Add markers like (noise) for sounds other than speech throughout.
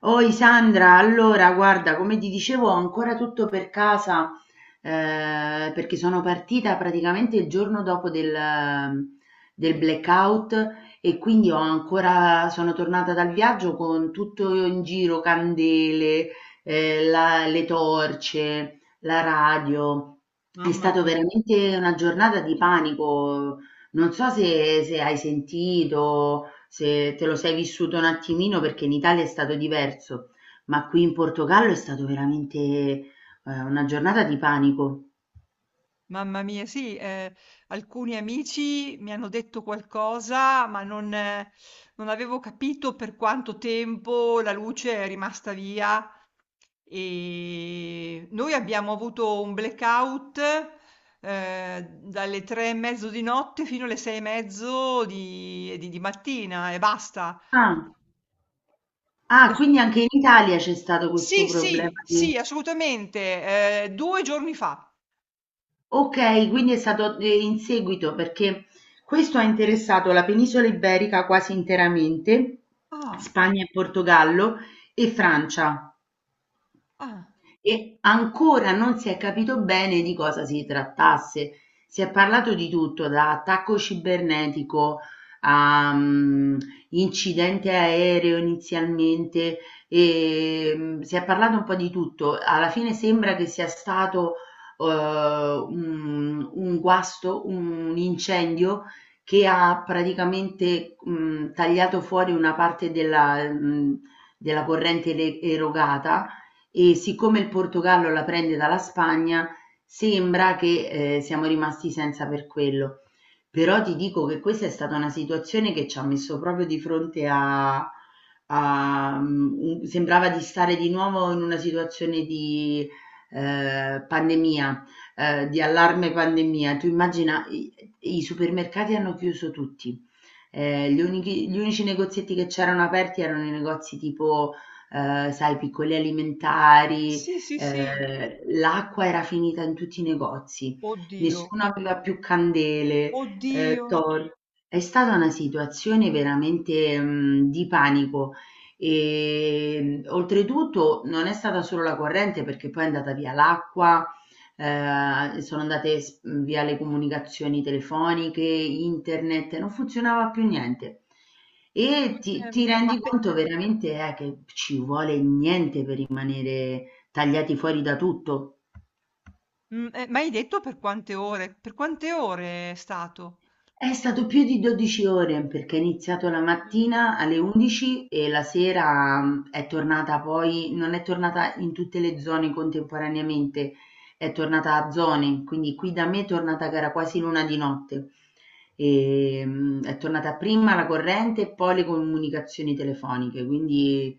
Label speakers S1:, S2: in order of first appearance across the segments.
S1: Oi Sandra, allora guarda, come ti dicevo, ho ancora tutto per casa perché sono partita praticamente il giorno dopo del blackout e quindi ho ancora, sono tornata dal viaggio con tutto in giro, candele, le torce, la radio. È
S2: Mamma
S1: stata
S2: mia,
S1: veramente una giornata di panico. Non so se hai sentito se te lo sei vissuto un attimino perché in Italia è stato diverso, ma qui in Portogallo è stato veramente, una giornata di panico.
S2: mamma mia, sì, alcuni amici mi hanno detto qualcosa, ma non avevo capito per quanto tempo la luce è rimasta via e noi abbiamo avuto un blackout, dalle 3:30 di notte fino alle 6:30 di mattina e basta.
S1: Ah, ah, quindi anche in Italia c'è stato questo
S2: Sì,
S1: problema
S2: sì,
S1: di-
S2: sì, assolutamente, 2 giorni fa.
S1: Ok, quindi è stato in seguito perché questo ha interessato la penisola iberica quasi interamente,
S2: Ah,
S1: Spagna e Portogallo e Francia.
S2: ah,
S1: E ancora non si è capito bene di cosa si trattasse. Si è parlato di tutto, da attacco cibernetico a incidente aereo inizialmente, e si è parlato un po' di tutto. Alla fine sembra che sia stato un guasto, un incendio che ha praticamente tagliato fuori una parte della corrente erogata, e siccome il Portogallo la prende dalla Spagna sembra che siamo rimasti senza per quello. Però ti dico che questa è stata una situazione che ci ha messo proprio di fronte a sembrava di stare di nuovo in una situazione di pandemia, di allarme pandemia. Tu immagina, i supermercati hanno chiuso tutti. Gli unici negozietti che c'erano aperti erano i negozi tipo, sai, piccoli alimentari.
S2: sì, sì, sì.
S1: L'acqua era finita in tutti i negozi,
S2: Oddio,
S1: nessuno aveva più candele.
S2: oddio.
S1: Thor. È stata una situazione veramente, di panico. Oltretutto non è stata solo la corrente perché poi è andata via l'acqua, sono andate via le comunicazioni telefoniche, internet, non funzionava più niente. E ti
S2: Scusami,
S1: ti rendi conto veramente, che ci vuole niente per rimanere tagliati fuori da tutto.
S2: ma hai detto per quante ore? Per quante ore è stato?
S1: È stato più di 12 ore perché è iniziato la
S2: Non mi-
S1: mattina alle 11 e la sera è tornata poi, non è tornata in tutte le zone contemporaneamente, è tornata a zone, quindi qui da me è tornata che era quasi l'una di notte. È tornata prima la corrente e poi le comunicazioni telefoniche, quindi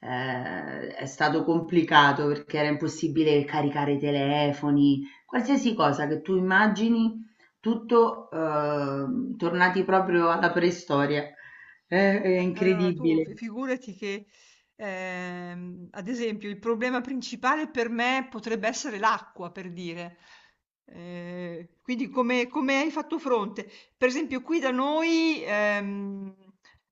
S1: è stato complicato perché era impossibile caricare i telefoni, qualsiasi cosa che tu immagini, tutto tornati proprio alla preistoria. È
S2: Allora, tu
S1: incredibile.
S2: figurati che, ad esempio, il problema principale per me potrebbe essere l'acqua, per dire. Quindi come hai fatto fronte? Per esempio, qui da noi,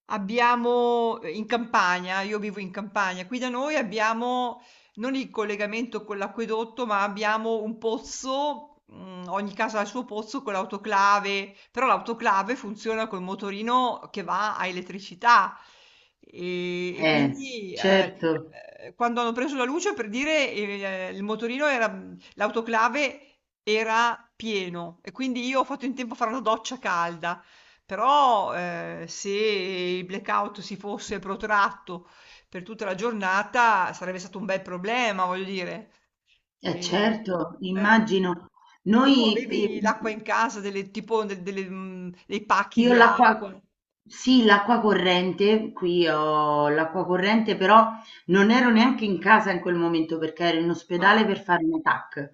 S2: abbiamo, in campagna, io vivo in campagna, qui da noi abbiamo non il collegamento con l'acquedotto, ma abbiamo un pozzo, ogni casa ha il suo pozzo con l'autoclave, però l'autoclave funziona col motorino che va a elettricità e
S1: Eh,
S2: quindi
S1: certo,
S2: quando hanno preso la luce per dire l'autoclave era pieno e quindi io ho fatto in tempo a fare una doccia calda. Però se il blackout si fosse protratto per tutta la giornata sarebbe stato un bel problema, voglio dire. E,
S1: certo,
S2: eh,
S1: immagino.
S2: e tu
S1: Noi,
S2: avevi l'acqua in casa, delle, tipo delle, dei pacchi
S1: io
S2: di
S1: l'acqua,
S2: acqua?
S1: sì, l'acqua corrente, qui ho l'acqua corrente, però non ero neanche in casa in quel momento perché ero in ospedale
S2: Ah,
S1: per fare un TAC.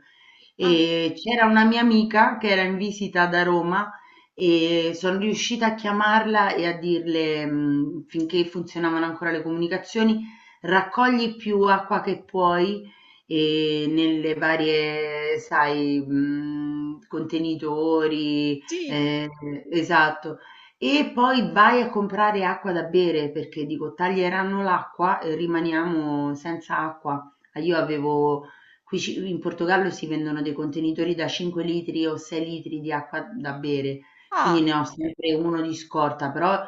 S2: ah,
S1: E c'era una mia amica che era in visita da Roma e sono riuscita a chiamarla e a dirle, finché funzionavano ancora le comunicazioni, raccogli più acqua che puoi e nelle varie, sai, contenitori.
S2: sì.
S1: Ehm, esatto. E poi vai a comprare acqua da bere perché dico taglieranno l'acqua e rimaniamo senza acqua. Ah, io avevo, in Portogallo si vendono dei contenitori da 5 litri o 6 litri di acqua da bere, quindi ne
S2: Ah,
S1: ho sempre uno di scorta, però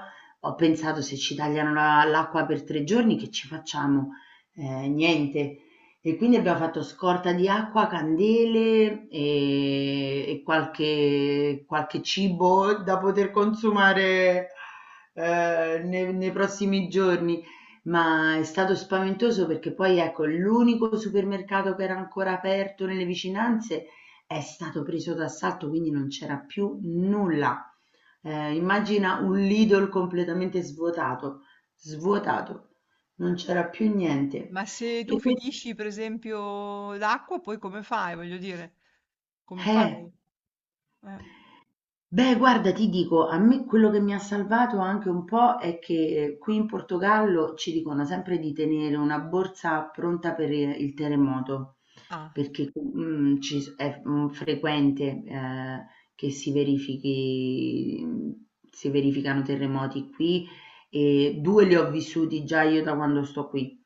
S1: ho pensato: se ci tagliano l'acqua per 3 giorni che ci facciamo? Niente. E quindi abbiamo fatto scorta di acqua, candele e qualche cibo da poter consumare nei prossimi giorni. Ma è stato spaventoso perché poi, ecco, l'unico supermercato che era ancora aperto nelle vicinanze è stato preso d'assalto, quindi non c'era più nulla. Immagina un Lidl completamente svuotato, svuotato, non c'era più niente.
S2: ma se tu
S1: E questo,
S2: finisci per esempio l'acqua, poi come fai? Voglio dire, come
S1: eh,
S2: fai? Eh,
S1: beh, guarda, ti dico, a me quello che mi ha salvato anche un po' è che qui in Portogallo ci dicono sempre di tenere una borsa pronta per il terremoto,
S2: Ah,
S1: perché è frequente che si verificano terremoti qui, e 2 li ho vissuti già io da quando sto qui.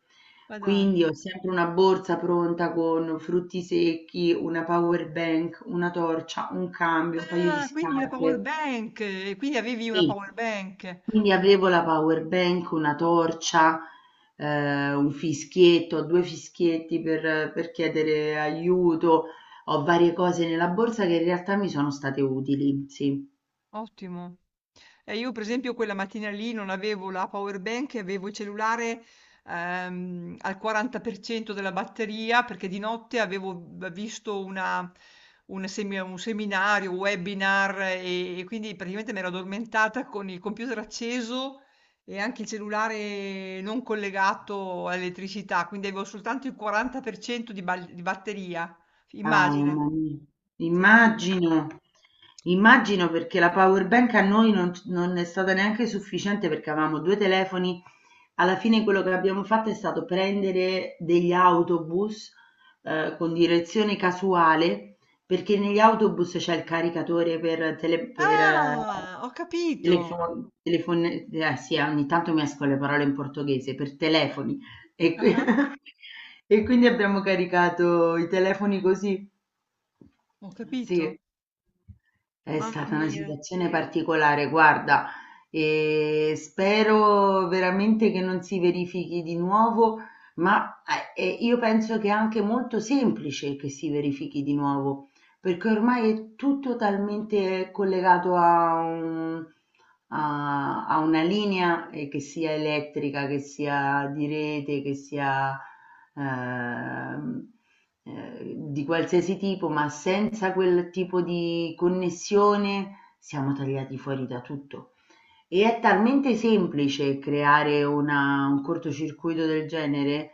S2: ma dai.
S1: Quindi ho sempre una borsa pronta con frutti secchi, una power bank, una torcia, un cambio, un paio di
S2: Ah, quindi la power
S1: scarpe.
S2: bank, e quindi avevi una
S1: Sì,
S2: power bank.
S1: quindi avevo la power bank, una torcia, un fischietto, 2 fischietti per chiedere aiuto. Ho varie cose nella borsa che in realtà mi sono state utili, sì.
S2: Ottimo. Io per esempio quella mattina lì non avevo la power bank, e avevo il cellulare al 40% della batteria perché di notte avevo visto un seminario, un webinar e quindi praticamente mi ero addormentata con il computer acceso e anche il cellulare non collegato all'elettricità, quindi avevo soltanto il 40% di batteria.
S1: Ah,
S2: Immagina,
S1: mamma mia.
S2: tremendo.
S1: Immagino, immagino perché la power bank a noi non è stata neanche sufficiente perché avevamo 2 telefoni. Alla fine quello che abbiamo fatto è stato prendere degli autobus con direzione casuale perché negli autobus c'è il caricatore per, tele, per
S2: Ah, ho capito.
S1: telefon, telefon- sì, ogni tanto mescolo le parole in portoghese, per telefoni. E qui
S2: Ah-ah,
S1: (laughs) e quindi abbiamo caricato i telefoni così.
S2: ho
S1: Sì.
S2: capito.
S1: È
S2: Mamma
S1: stata una
S2: mia.
S1: situazione particolare, guarda, e spero veramente che non si verifichi di nuovo, ma io penso che è anche molto semplice che si verifichi di nuovo perché ormai è tutto talmente collegato a una linea, che sia elettrica, che sia di rete, che sia ehm, di qualsiasi tipo, ma senza quel tipo di connessione siamo tagliati fuori da tutto. E è talmente semplice creare una un cortocircuito del genere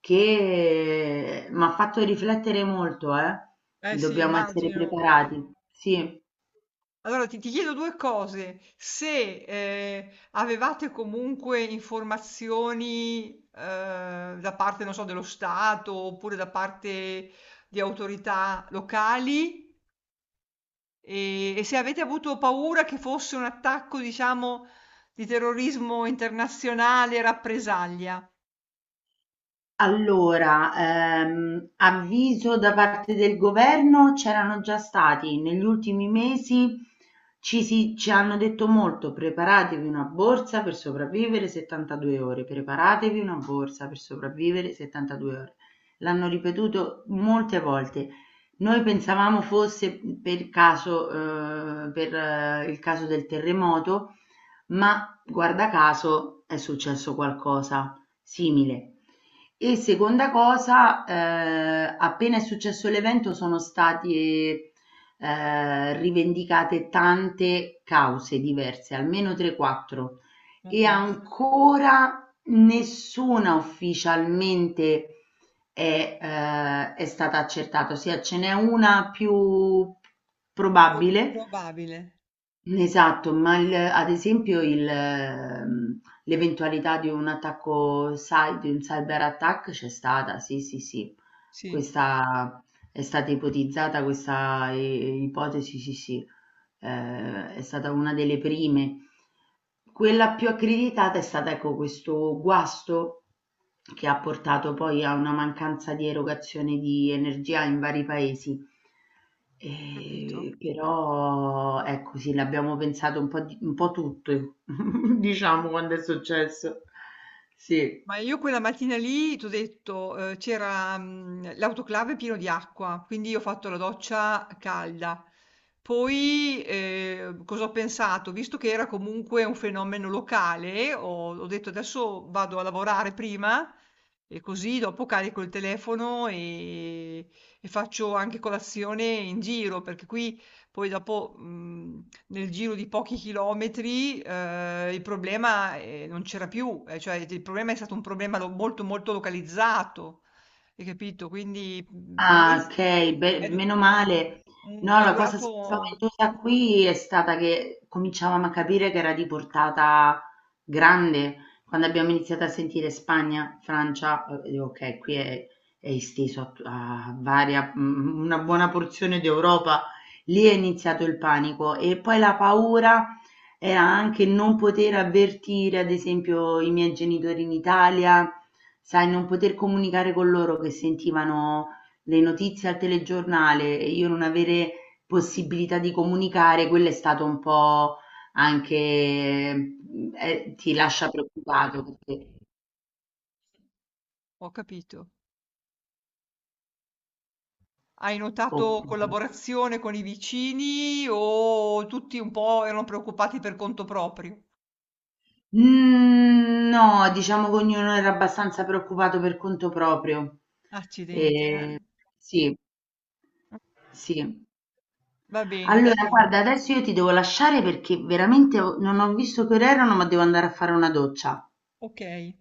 S1: che m'ha fatto riflettere molto, eh.
S2: Eh sì,
S1: Dobbiamo essere
S2: immagino.
S1: preparati. Sì.
S2: Allora ti chiedo due cose. Se avevate comunque informazioni da parte, non so, dello Stato oppure da parte di autorità locali e se avete avuto paura che fosse un attacco, diciamo, di terrorismo internazionale e rappresaglia.
S1: Allora, avviso da parte del governo c'erano già stati. Negli ultimi mesi ci hanno detto molto: preparatevi una borsa per sopravvivere 72 ore, preparatevi una borsa per sopravvivere 72 ore. L'hanno ripetuto molte volte. Noi pensavamo fosse per caso, per il caso del terremoto, ma guarda caso è successo qualcosa simile. E seconda cosa, appena è successo l'evento sono state rivendicate tante cause diverse, almeno 3-4,
S2: Ma
S1: e
S2: pensa.
S1: ancora nessuna ufficialmente è stata accertata, ossia ce n'è una più
S2: Pro-
S1: probabile.
S2: Probabile,
S1: Esatto, ma il ad esempio l'eventualità di un cyber attack c'è stata, sì, sì, sì.
S2: sì,
S1: Questa è stata ipotizzata questa i ipotesi, sì, sì, è stata una delle prime. Quella più accreditata è stata, ecco, questo guasto che ha portato poi a una mancanza di erogazione di energia in vari paesi.
S2: capito.
S1: Però ecco, sì, l'abbiamo pensato un po' tutte, (laughs) diciamo,
S2: Mhm.
S1: quando è successo. Sì.
S2: Ma io quella mattina lì, t'ho detto, c'era l'autoclave pieno di acqua, quindi io ho fatto la doccia calda. Poi cosa ho pensato? Visto che era comunque un fenomeno locale, ho detto adesso vado a lavorare prima e così dopo carico il telefono e faccio anche colazione in giro, perché qui poi dopo, nel giro di pochi chilometri, il problema, non c'era più, cioè il problema è stato un problema lo molto, molto localizzato, hai capito? Quindi, non
S1: Ah,
S2: es
S1: okay, beh,
S2: è du
S1: meno male.
S2: mhmm,
S1: No,
S2: è
S1: la cosa
S2: durato.
S1: spaventosa qui è stata che cominciavamo a capire che era di portata grande quando abbiamo iniziato a sentire Spagna, Francia, dico: "Okay, qui è esteso a una buona porzione d'Europa". Lì è iniziato il panico e poi la paura era anche non poter avvertire, ad esempio, i miei genitori in Italia, sai, non poter comunicare con loro che sentivano le notizie al telegiornale e io non avere possibilità di comunicare, quello è stato un po' anche ti lascia preoccupato perché
S2: Ho capito. Hai notato
S1: okay.
S2: collaborazione con i vicini o tutti un po' erano preoccupati per conto proprio?
S1: Mhmm, no, diciamo che ognuno era abbastanza preoccupato per conto proprio.
S2: Accidenti, eh.
S1: Ehm, sì, sì.
S2: Va bene,
S1: Allora
S2: dai.
S1: guarda, adesso io ti devo lasciare perché veramente ho non ho visto che ore erano, ma devo andare a fare una doccia.
S2: Okay.